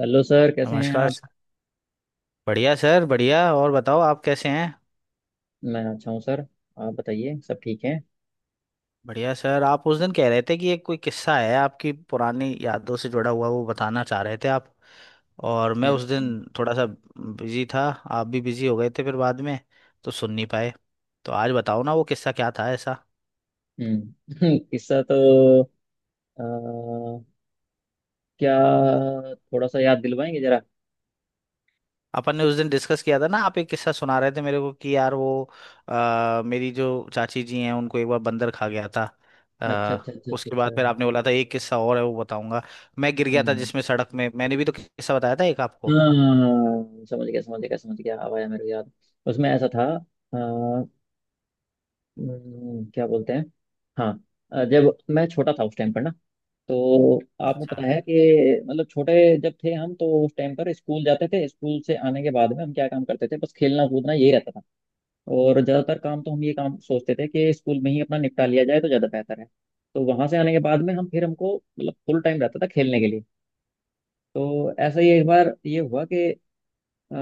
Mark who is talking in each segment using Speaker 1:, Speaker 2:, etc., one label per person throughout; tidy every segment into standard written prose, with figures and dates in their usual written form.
Speaker 1: Hello sir, कैसे हैं
Speaker 2: नमस्कार
Speaker 1: आप?
Speaker 2: सर। बढ़िया सर, बढ़िया। और बताओ आप कैसे हैं?
Speaker 1: मैं अच्छा हूँ सर। आप बताइए, सब ठीक है?
Speaker 2: बढ़िया सर। आप उस दिन कह रहे थे कि एक कोई किस्सा है आपकी पुरानी यादों से जुड़ा हुआ, वो बताना चाह रहे थे आप। और मैं
Speaker 1: हम्म।
Speaker 2: उस दिन थोड़ा सा बिजी था, आप भी बिजी हो गए थे फिर बाद में, तो सुन नहीं पाए। तो आज बताओ ना वो किस्सा क्या था ऐसा।
Speaker 1: हम्म। किस्सा तो अ, क्या, थोड़ा सा याद दिलवाएंगे जरा।
Speaker 2: अपन ने उस दिन डिस्कस किया था ना, आप एक किस्सा सुना रहे थे मेरे को कि यार वो मेरी जो चाची जी हैं उनको एक बार बंदर खा गया था।
Speaker 1: अच्छा,
Speaker 2: आ,
Speaker 1: अच्छा, अच्छा, अच्छा,
Speaker 2: उसके बाद
Speaker 1: अच्छा।
Speaker 2: फिर आपने बोला था एक किस्सा और है, वो बताऊंगा। मैं गिर गया था
Speaker 1: हम्म।
Speaker 2: जिसमें सड़क में, मैंने भी तो किस्सा बताया था एक आपको।
Speaker 1: हाँ, समझ गया, समझ गया, समझ गया, अब आया मेरे को याद। उसमें ऐसा था। अ, क्या बोलते हैं। हाँ। जब मैं छोटा था उस टाइम पर ना, तो आपको पता
Speaker 2: अच्छा।
Speaker 1: है कि मतलब, छोटे जब थे हम तो उस टाइम पर स्कूल जाते थे। स्कूल से आने के बाद में हम क्या काम करते थे? बस खेलना कूदना यही रहता था। और ज़्यादातर काम तो हम ये काम सोचते थे कि स्कूल में ही अपना निपटा लिया जाए तो ज़्यादा बेहतर है। तो वहाँ से आने के बाद में हम फिर हमको मतलब फुल टाइम रहता था खेलने के लिए। तो ऐसा ही एक बार ये हुआ कि अ,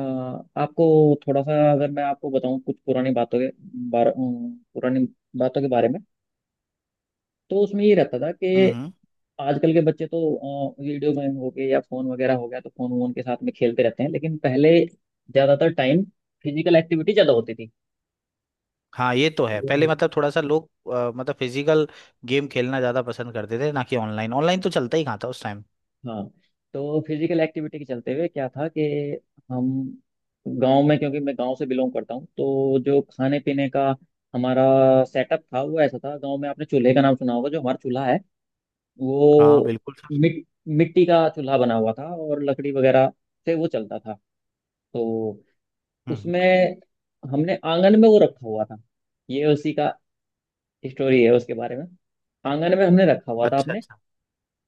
Speaker 1: आपको, थोड़ा सा अगर मैं आपको बताऊं कुछ पुरानी बातों के बारे, पुरानी बातों के बारे में, तो उसमें ये रहता था कि
Speaker 2: हम्म।
Speaker 1: आजकल के बच्चे तो वीडियो गेम हो गए या फोन वगैरह हो गया तो फोन वोन के साथ में खेलते रहते हैं, लेकिन पहले ज्यादातर टाइम फिजिकल एक्टिविटी ज्यादा होती थी।
Speaker 2: हाँ, ये तो है। पहले
Speaker 1: हम्म।
Speaker 2: मतलब थोड़ा सा लोग मतलब फिजिकल गेम खेलना ज्यादा पसंद करते थे, ना कि ऑनलाइन। ऑनलाइन तो चलता ही कहाँ था उस टाइम।
Speaker 1: हाँ। तो फिजिकल एक्टिविटी के चलते हुए क्या था कि हम, गांव में, क्योंकि मैं गांव से बिलोंग करता हूँ, तो जो खाने पीने का हमारा सेटअप था वो ऐसा था। गांव में आपने चूल्हे का नाम सुना होगा, जो हमारा चूल्हा है
Speaker 2: हाँ
Speaker 1: वो
Speaker 2: बिल्कुल।
Speaker 1: मिट्टी का चूल्हा बना हुआ था, और लकड़ी वगैरह से वो चलता था। तो
Speaker 2: हम्म।
Speaker 1: उसमें, हमने आंगन में वो रखा हुआ था। ये उसी का स्टोरी है, उसके बारे में। आंगन में हमने रखा हुआ था
Speaker 2: अच्छा
Speaker 1: आपने।
Speaker 2: अच्छा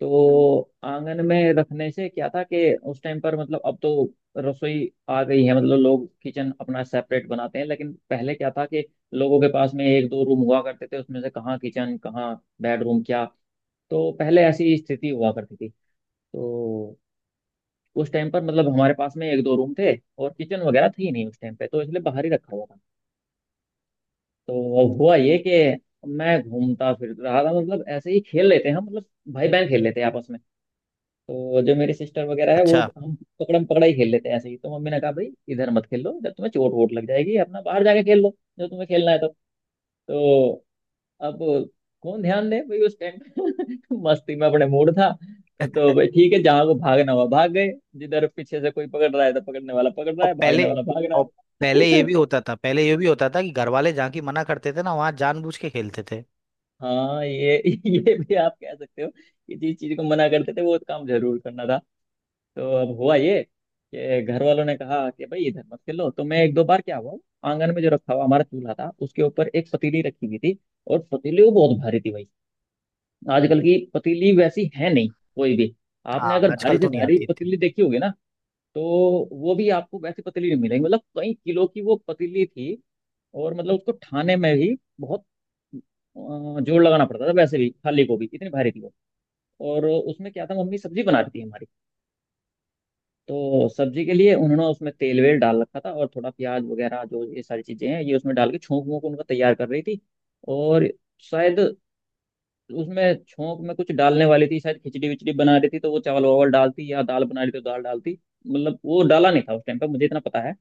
Speaker 1: तो आंगन में रखने से क्या था कि उस टाइम पर मतलब, अब तो रसोई आ गई है, मतलब लोग किचन अपना सेपरेट बनाते हैं, लेकिन पहले क्या था कि लोगों के पास में एक दो रूम हुआ करते थे, उसमें से कहाँ किचन कहाँ बेडरूम, क्या! तो पहले ऐसी स्थिति हुआ करती थी। तो उस टाइम पर मतलब हमारे पास में एक दो रूम थे, और किचन वगैरह थी नहीं उस टाइम पे, तो इसलिए बाहर ही रखा हुआ था। तो हुआ ये कि मैं घूमता फिर रहा था, मतलब ऐसे ही खेल लेते हैं हम, मतलब भाई बहन खेल लेते हैं आपस में। तो जो मेरी सिस्टर वगैरह है, वो
Speaker 2: अच्छा।
Speaker 1: हम पकड़म पकड़ा ही खेल लेते हैं ऐसे ही। तो मम्मी ने कहा, भाई इधर मत खेल लो, जब तुम्हें चोट वोट लग जाएगी, अपना बाहर जाके खेल लो जो तुम्हें खेलना है। तो अब कौन ध्यान दे भाई उस टाइम। मस्ती में अपने मूड था। तो भाई ठीक है, जहाँ को भागना हुआ भाग गए, जिधर पीछे से कोई पकड़ रहा है तो पकड़ने वाला पकड़ रहा
Speaker 2: और
Speaker 1: है,
Speaker 2: पहले
Speaker 1: भागने वाला भाग रहा
Speaker 2: और पहले ये
Speaker 1: है।
Speaker 2: भी होता था, कि घर वाले जहाँ की मना करते थे ना, वहां जानबूझ के खेलते थे।
Speaker 1: हाँ। ये ये भी आप कह सकते हो कि जिस चीज को मना करते थे वो काम जरूर करना था। तो अब हुआ ये कि घर वालों ने कहा कि भाई इधर मत खेलो, तो मैं एक दो बार क्या हुआ, आंगन में जो रखा हुआ हमारा चूल्हा था उसके ऊपर एक पतीली रखी हुई थी, और पतीली वो बहुत भारी थी भाई। आजकल की पतीली वैसी है नहीं कोई भी। आपने
Speaker 2: हाँ,
Speaker 1: अगर भारी
Speaker 2: आजकल
Speaker 1: से
Speaker 2: तो नहीं
Speaker 1: भारी
Speaker 2: आती थी।
Speaker 1: पतीली देखी होगी ना, तो वो भी आपको वैसी पतीली नहीं मिलेगी। मतलब कई किलो की वो पतीली थी, और मतलब उसको ठाने में भी बहुत अ, जोर लगाना पड़ता था। वैसे भी खाली गोभी इतनी भारी थी वो। और उसमें क्या था, मम्मी सब्जी बना रही थी हमारी, तो सब्जी के लिए उन्होंने उसमें तेल वेल डाल रखा था, और थोड़ा प्याज वगैरह जो ये सारी चीजें हैं ये उसमें डाल के छोंक वोंक उनका तैयार कर रही थी। और शायद उसमें छोंक में कुछ डालने वाली थी, शायद खिचड़ी विचड़ी बना रही थी तो वो चावल वावल डालती, या दाल बना रही थी तो दाल डालती। मतलब वो डाला नहीं था उस टाइम पर, मुझे इतना पता है।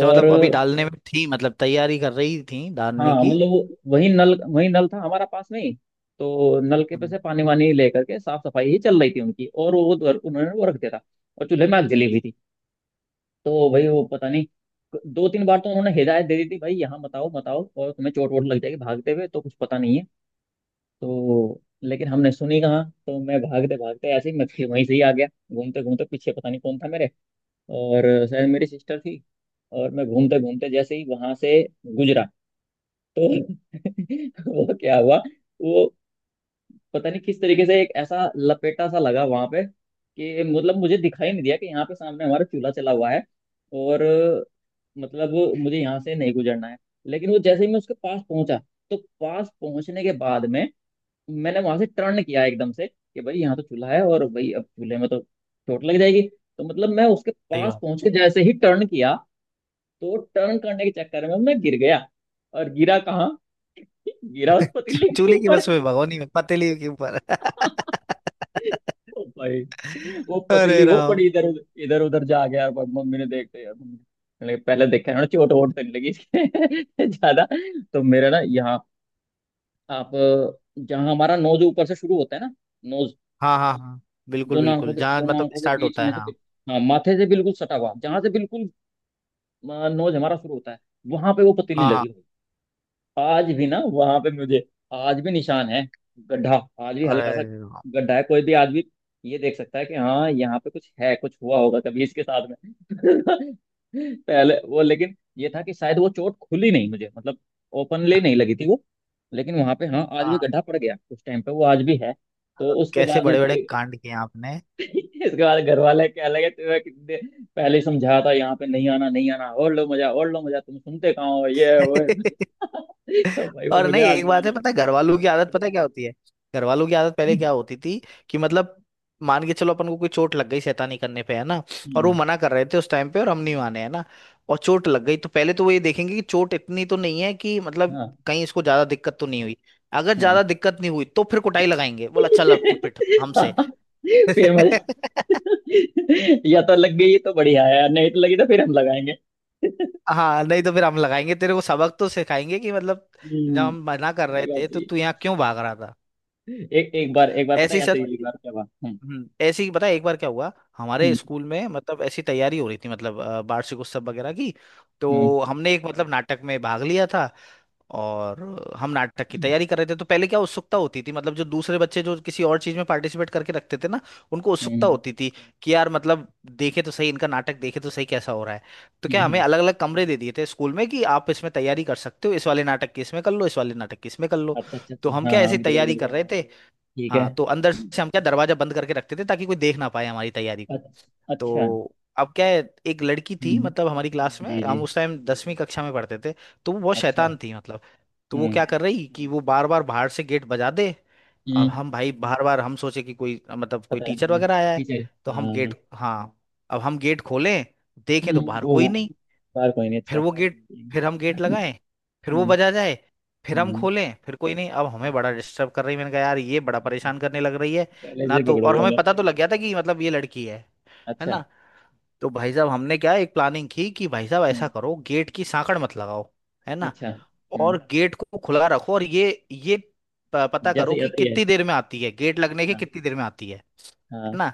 Speaker 2: तो
Speaker 1: और
Speaker 2: मतलब अभी डालने में थी, मतलब तैयारी कर रही थी डालने
Speaker 1: हाँ,
Speaker 2: की।
Speaker 1: मतलब वो, वही नल, वही नल था हमारा पास में ही। तो नलके पे
Speaker 2: हम्म।
Speaker 1: से पानी वानी लेकर के साफ सफाई ही चल रही थी उनकी, और वो उन्होंने वो रख दिया था। और चूल्हे में आग जली हुई थी। तो भाई वो पता नहीं, दो तीन बार तो उन्होंने हिदायत दे दी थी, भाई यहाँ मत आओ मत आओ, और तुम्हें चोट वोट लग जाएगी भागते हुए, तो कुछ पता नहीं है। तो लेकिन हमने सुनी कहाँ। तो मैं भागते भागते ऐसे ही, मैं फिर वहीं से ही आ गया घूमते घूमते। पीछे पता नहीं कौन था मेरे, और शायद मेरी सिस्टर थी। और मैं घूमते घूमते जैसे ही वहां से गुजरा, तो वो क्या हुआ, वो पता नहीं किस तरीके से एक ऐसा लपेटा सा लगा वहां पे कि मतलब मुझे दिखाई नहीं दिया कि यहाँ पे सामने हमारा चूल्हा चला हुआ है, और मतलब मुझे यहाँ से नहीं गुजरना है। लेकिन वो जैसे ही मैं उसके पास पहुंचा, तो पास पहुंचने के बाद में मैंने वहां से टर्न किया एकदम से कि भाई यहाँ तो चूल्हा है, और भाई अब चूल्हे में तो चोट लग जाएगी। तो मतलब मैं उसके
Speaker 2: सही
Speaker 1: पास
Speaker 2: बात।
Speaker 1: पहुंच के जैसे ही टर्न किया, तो टर्न करने के चक्कर में मैं गिर गया, और गिरा कहाँ? गिरा उस पतीले के
Speaker 2: चूल्हे की
Speaker 1: ऊपर।
Speaker 2: बस में, भगोनी में, पतीली के ऊपर।
Speaker 1: ओ भाई, वो
Speaker 2: अरे
Speaker 1: पतली वो
Speaker 2: राम।
Speaker 1: पड़ी इधर उधर इधर उधर, जा गया यार। मम्मी ने देखते यार, मम्मी ने पहले देखा ना चोट वोट तो नहीं लगी इसके ज्यादा। तो मेरा ना यहाँ, आप, जहाँ हमारा नोज ऊपर से शुरू होता है ना, नोज,
Speaker 2: हाँ हाँ हाँ, बिल्कुल
Speaker 1: दोनों आंखों
Speaker 2: बिल्कुल।
Speaker 1: के,
Speaker 2: जहाँ
Speaker 1: दोनों
Speaker 2: मतलब
Speaker 1: आंखों के
Speaker 2: स्टार्ट
Speaker 1: बीच
Speaker 2: होता है,
Speaker 1: में से
Speaker 2: हाँ।
Speaker 1: हाँ, माथे से बिल्कुल सटा हुआ, जहाँ से बिल्कुल नोज हमारा शुरू होता है, वहां पे वो पतीली
Speaker 2: हाँ हाँ।
Speaker 1: लगी। आज भी ना वहां पे मुझे, आज भी निशान है, गड्ढा, आज भी हल्का
Speaker 2: अरे
Speaker 1: सा
Speaker 2: राम।
Speaker 1: गड्ढा है। कोई भी आदमी ये देख सकता है कि हाँ यहाँ पे कुछ है, कुछ हुआ होगा कभी इसके साथ में। पहले वो, लेकिन ये था कि शायद वो चोट खुली नहीं मुझे, मतलब ओपनली नहीं लगी थी वो। लेकिन वहां पे हाँ, आज भी
Speaker 2: हाँ।
Speaker 1: गड्ढा पड़ गया उस टाइम पे वो, आज भी है। तो
Speaker 2: मतलब
Speaker 1: उसके
Speaker 2: कैसे
Speaker 1: बाद में
Speaker 2: बड़े बड़े
Speaker 1: फिर,
Speaker 2: कांड किए आपने।
Speaker 1: इसके बाद घर वाले क्या लगे, तुम्हें कितने पहले ही समझाया था यहाँ पे नहीं आना नहीं आना, और लो मजा और लो मजा, तुम सुनते कहाँ हो, ये है, वो है। तो भाई वो
Speaker 2: और
Speaker 1: मुझे
Speaker 2: नहीं,
Speaker 1: आज
Speaker 2: एक
Speaker 1: भी याद
Speaker 2: बात है,
Speaker 1: है।
Speaker 2: पता है घर वालों की आदत पता है क्या होती है? घर वालों की आदत पहले क्या होती थी कि मतलब मान के चलो अपन को कोई चोट लग गई शैतानी करने पे, है ना। और वो
Speaker 1: हम्म।
Speaker 2: मना कर रहे थे उस टाइम पे, और हम नहीं माने, है ना। और चोट लग गई, तो पहले तो वो ये देखेंगे कि चोट इतनी तो नहीं है कि मतलब
Speaker 1: हाँ।
Speaker 2: कहीं इसको ज्यादा दिक्कत तो नहीं हुई। अगर
Speaker 1: हम्म।
Speaker 2: ज्यादा दिक्कत नहीं हुई तो फिर कुटाई लगाएंगे, बोला चल अब तू पिट हमसे।
Speaker 1: फिर मजा, या तो लग गई तो बढ़िया है, नहीं तो लगी तो फिर हम लगाएंगे।
Speaker 2: हाँ, नहीं तो फिर हम लगाएंगे, तेरे को सबक तो सिखाएंगे कि मतलब जब
Speaker 1: हम्म।
Speaker 2: हम मना कर रहे
Speaker 1: ये बात
Speaker 2: थे तो
Speaker 1: सही
Speaker 2: तू यहाँ क्यों भाग रहा था।
Speaker 1: है। एक एक बार पता
Speaker 2: ऐसे
Speaker 1: है
Speaker 2: ही
Speaker 1: ऐसे
Speaker 2: सर।
Speaker 1: ही एक बार क्या हुआ। हम्म।
Speaker 2: ऐसे ही पता है एक बार क्या हुआ। हमारे
Speaker 1: हम्म।
Speaker 2: स्कूल में मतलब ऐसी तैयारी हो रही थी, मतलब वार्षिक उत्सव वगैरह की। तो हमने एक मतलब नाटक में भाग लिया था। और हम नाटक की
Speaker 1: हम्म।
Speaker 2: तैयारी कर रहे थे, तो पहले क्या उत्सुकता होती थी मतलब जो दूसरे बच्चे जो किसी और चीज में पार्टिसिपेट करके रखते थे ना, उनको उत्सुकता
Speaker 1: हम्म।
Speaker 2: होती थी कि यार मतलब देखे तो सही इनका नाटक देखे तो सही कैसा हो रहा है। तो
Speaker 1: हम्म।
Speaker 2: क्या
Speaker 1: हम्म।
Speaker 2: हमें
Speaker 1: हम्म।
Speaker 2: अलग अलग कमरे दे दिए थे स्कूल में कि आप इसमें तैयारी कर सकते हो, इस वाले नाटक की इसमें कर लो, इस वाले नाटक की इसमें कर लो।
Speaker 1: अच्छा, अच्छा,
Speaker 2: तो
Speaker 1: अच्छा,
Speaker 2: हम
Speaker 1: हाँ,
Speaker 2: क्या
Speaker 1: हाँ,
Speaker 2: ऐसी
Speaker 1: बिल्कुल,
Speaker 2: तैयारी
Speaker 1: बिल्कुल।
Speaker 2: कर रहे थे।
Speaker 1: ठीक है।
Speaker 2: हाँ, तो अंदर से हम क्या दरवाजा बंद करके रखते थे ताकि कोई देख ना पाए हमारी तैयारी को। तो
Speaker 1: अच्छा।
Speaker 2: अब क्या है, एक लड़की थी
Speaker 1: हम्म।
Speaker 2: मतलब हमारी क्लास में,
Speaker 1: जी, जी।
Speaker 2: हम उस टाइम 10वीं कक्षा में पढ़ते थे। तो वो बहुत
Speaker 1: अच्छा।
Speaker 2: शैतान थी मतलब। तो वो क्या कर
Speaker 1: हम्म।
Speaker 2: रही कि वो बार बार बाहर से गेट बजा दे। अब
Speaker 1: हम्म।
Speaker 2: हम, भाई बार बार हम सोचे कि कोई मतलब कोई
Speaker 1: पता है
Speaker 2: टीचर
Speaker 1: हमें,
Speaker 2: वगैरह आया है।
Speaker 1: ठीक है,
Speaker 2: तो हम गेट,
Speaker 1: हाँ।
Speaker 2: हाँ, अब हम गेट खोलें, देखें तो बाहर कोई
Speaker 1: वो,
Speaker 2: नहीं।
Speaker 1: बार कोई नहीं, अच्छा।
Speaker 2: फिर वो गेट,
Speaker 1: हम्म।
Speaker 2: फिर हम गेट लगाएं, फिर वो
Speaker 1: हम्म।
Speaker 2: बजा जाए, फिर हम
Speaker 1: हम्म,
Speaker 2: खोलें, फिर कोई नहीं। अब हमें बड़ा डिस्टर्ब कर रही है। मैंने कहा यार ये बड़ा
Speaker 1: अच्छा।
Speaker 2: परेशान करने लग रही है।
Speaker 1: पहले
Speaker 2: ना
Speaker 1: से
Speaker 2: तो और
Speaker 1: पकड़ोगे
Speaker 2: हमें
Speaker 1: उन्हें?
Speaker 2: पता तो लग गया था कि मतलब ये लड़की है
Speaker 1: अच्छा।
Speaker 2: ना। तो भाई साहब हमने क्या एक प्लानिंग की कि भाई साहब ऐसा
Speaker 1: हम्म।
Speaker 2: करो, गेट की सांकड़ मत लगाओ, है ना।
Speaker 1: अच्छा।
Speaker 2: और
Speaker 1: हम्म।
Speaker 2: गेट को खुला रखो और पता करो
Speaker 1: जैसे
Speaker 2: कि
Speaker 1: यात्री है।
Speaker 2: कितनी देर में आती है, गेट लगने के
Speaker 1: हाँ।
Speaker 2: कितनी देर में आती है
Speaker 1: हाँ।
Speaker 2: है ना।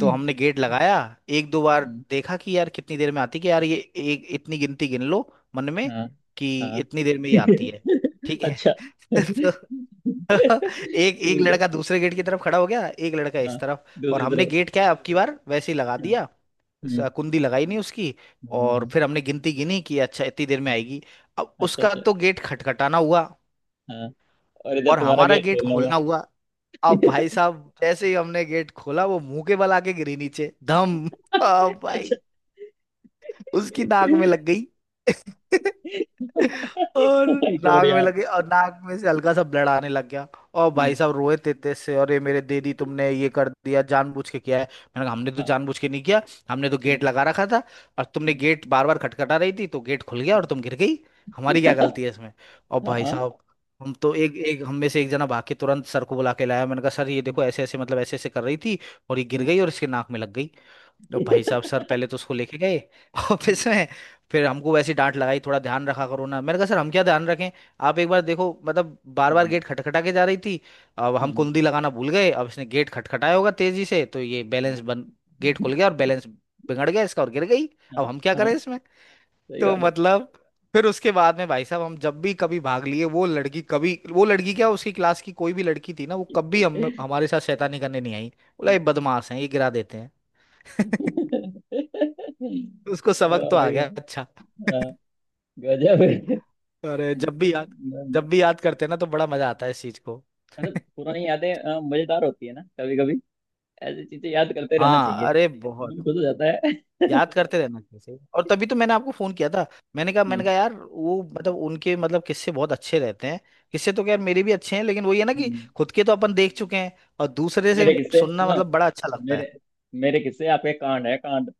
Speaker 2: तो हमने गेट लगाया, एक दो बार देखा कि यार कितनी देर में आती है, कि यार ये एक इतनी गिनती गिन लो मन में
Speaker 1: हाँ।
Speaker 2: कि
Speaker 1: हाँ।
Speaker 2: इतनी देर में ये आती है। ठीक है।
Speaker 1: अच्छा,
Speaker 2: तो
Speaker 1: ठीक
Speaker 2: एक एक
Speaker 1: है।
Speaker 2: लड़का दूसरे गेट की तरफ खड़ा हो गया, एक लड़का
Speaker 1: हाँ,
Speaker 2: इस तरफ। और
Speaker 1: दूसरी
Speaker 2: हमने
Speaker 1: तरफ।
Speaker 2: गेट क्या है अब की बार वैसे ही लगा
Speaker 1: हाँ।
Speaker 2: दिया,
Speaker 1: हम्म।
Speaker 2: कुंडी लगाई नहीं उसकी।
Speaker 1: हम्म।
Speaker 2: और
Speaker 1: हम्म।
Speaker 2: फिर हमने गिनती गिनी कि अच्छा इतनी देर में आएगी। अब
Speaker 1: अच्छा,
Speaker 2: उसका
Speaker 1: अच्छा।
Speaker 2: तो गेट खटखटाना हुआ
Speaker 1: हाँ, और इधर
Speaker 2: और
Speaker 1: तुम्हारा
Speaker 2: हमारा
Speaker 1: गेट
Speaker 2: गेट
Speaker 1: खोलना हुआ।
Speaker 2: खोलना हुआ। अब भाई साहब जैसे ही हमने गेट खोला वो मुंह के बल आके गिरी नीचे धम। अब
Speaker 1: अच्छा।
Speaker 2: भाई उसकी नाक में लग गई। और
Speaker 1: माय गॉड
Speaker 2: नाक में
Speaker 1: यार।
Speaker 2: लगे और नाक में से हल्का सा ब्लड आने लग गया। और भाई
Speaker 1: हम्म,
Speaker 2: साहब रोए थे तेज से, और ये मेरे, दीदी तुमने ये कर दिया जानबूझ के किया है। मैंने कहा हमने तो
Speaker 1: हाँ।
Speaker 2: जानबूझ के नहीं किया, हमने तो गेट
Speaker 1: हम्म।
Speaker 2: लगा रखा था, और तुमने
Speaker 1: हम्म।
Speaker 2: गेट बार बार खटखटा रही थी तो गेट खुल गया और
Speaker 1: हम्म।
Speaker 2: तुम गिर गई, हमारी क्या गलती है इसमें। और भाई
Speaker 1: हाँ।
Speaker 2: साहब हम तो एक एक हम में से एक जना भाग के तुरंत सर को बुला के लाया। मैंने कहा सर ये देखो,
Speaker 1: हम्म।
Speaker 2: ऐसे ऐसे मतलब ऐसे ऐसे कर रही थी और ये गिर
Speaker 1: हम्म।
Speaker 2: गई और इसके नाक में लग गई। तो भाई साहब सर पहले तो उसको लेके गए
Speaker 1: हम्म।
Speaker 2: ऑफिस में, फिर हमको वैसी डांट लगाई, थोड़ा ध्यान रखा करो ना। मैंने कहा सर हम क्या ध्यान रखें, आप एक बार देखो मतलब बार बार गेट खटखटा के जा रही थी। अब हम
Speaker 1: हम्म।
Speaker 2: कुंडी लगाना भूल गए, अब इसने गेट खटखटाया होगा तेजी से तो ये बैलेंस
Speaker 1: हम्म।
Speaker 2: बन गेट खुल गया और बैलेंस बिगड़ गया इसका और गिर गई,
Speaker 1: हाँ
Speaker 2: अब हम क्या
Speaker 1: हाँ, हाँ,
Speaker 2: करें इसमें।
Speaker 1: सही
Speaker 2: तो
Speaker 1: बात है।
Speaker 2: मतलब फिर उसके बाद में भाई साहब हम जब भी कभी भाग लिए वो लड़की, कभी वो लड़की क्या उसकी क्लास की कोई भी लड़की थी ना, वो कभी हम हमारे साथ शैतानी करने नहीं आई, बोला ये बदमाश है ये गिरा देते हैं। उसको सबक
Speaker 1: वाह
Speaker 2: तो आ
Speaker 1: भाई
Speaker 2: गया।
Speaker 1: वाह।
Speaker 2: अच्छा।
Speaker 1: हाँ, गजब है।
Speaker 2: अरे
Speaker 1: मतलब
Speaker 2: जब भी याद करते हैं ना तो बड़ा मजा आता है इस चीज को।
Speaker 1: पुरानी यादें मजेदार होती है ना कभी कभी। ऐसी चीजें याद करते रहना
Speaker 2: हाँ
Speaker 1: चाहिए,
Speaker 2: अरे बहुत
Speaker 1: मन खुश हो जाता है।
Speaker 2: याद करते रहना चाहिए। और तभी तो मैंने आपको फोन किया था। मैंने कहा मैंने
Speaker 1: हम्म।
Speaker 2: कहा यार वो मतलब उनके मतलब किस्से बहुत अच्छे रहते हैं। किस्से तो खैर मेरे भी अच्छे हैं लेकिन वही है ना कि
Speaker 1: हम्म।
Speaker 2: खुद के तो अपन देख चुके हैं, और दूसरे से
Speaker 1: मेरे किस्से
Speaker 2: सुनना
Speaker 1: सुनो।
Speaker 2: मतलब बड़ा अच्छा लगता है।
Speaker 1: मेरे मेरे किस्से आपके कांड है, कांड,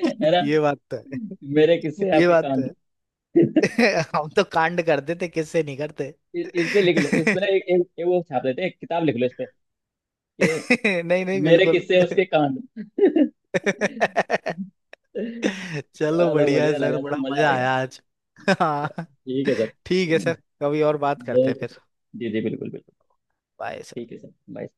Speaker 1: ना।
Speaker 2: ये बात तो है।
Speaker 1: मेरे किस्से
Speaker 2: ये
Speaker 1: आपके
Speaker 2: बात तो
Speaker 1: कांड।
Speaker 2: है।
Speaker 1: इस,
Speaker 2: हम तो कांड करते थे, किससे नहीं करते।
Speaker 1: इस पे लिख लो, इस पे ना, एक वो छाप देते हैं, एक किताब लिख लो इस पे ये,
Speaker 2: नहीं नहीं,
Speaker 1: मेरे
Speaker 2: बिल्कुल।
Speaker 1: किस्से उसके कांड।
Speaker 2: चलो
Speaker 1: चलो
Speaker 2: बढ़िया है
Speaker 1: बढ़िया
Speaker 2: सर,
Speaker 1: लगा सर,
Speaker 2: बड़ा
Speaker 1: मजा आ
Speaker 2: मजा
Speaker 1: गया।
Speaker 2: आया आज।
Speaker 1: चलो,
Speaker 2: हाँ,
Speaker 1: ठीक है सर।
Speaker 2: ठीक है
Speaker 1: हम्म।
Speaker 2: सर। कभी और बात करते हैं
Speaker 1: ओके,
Speaker 2: फिर।
Speaker 1: जी जी, बिल्कुल बिल्कुल।
Speaker 2: Bye sir.
Speaker 1: ठीक है सर, बाय।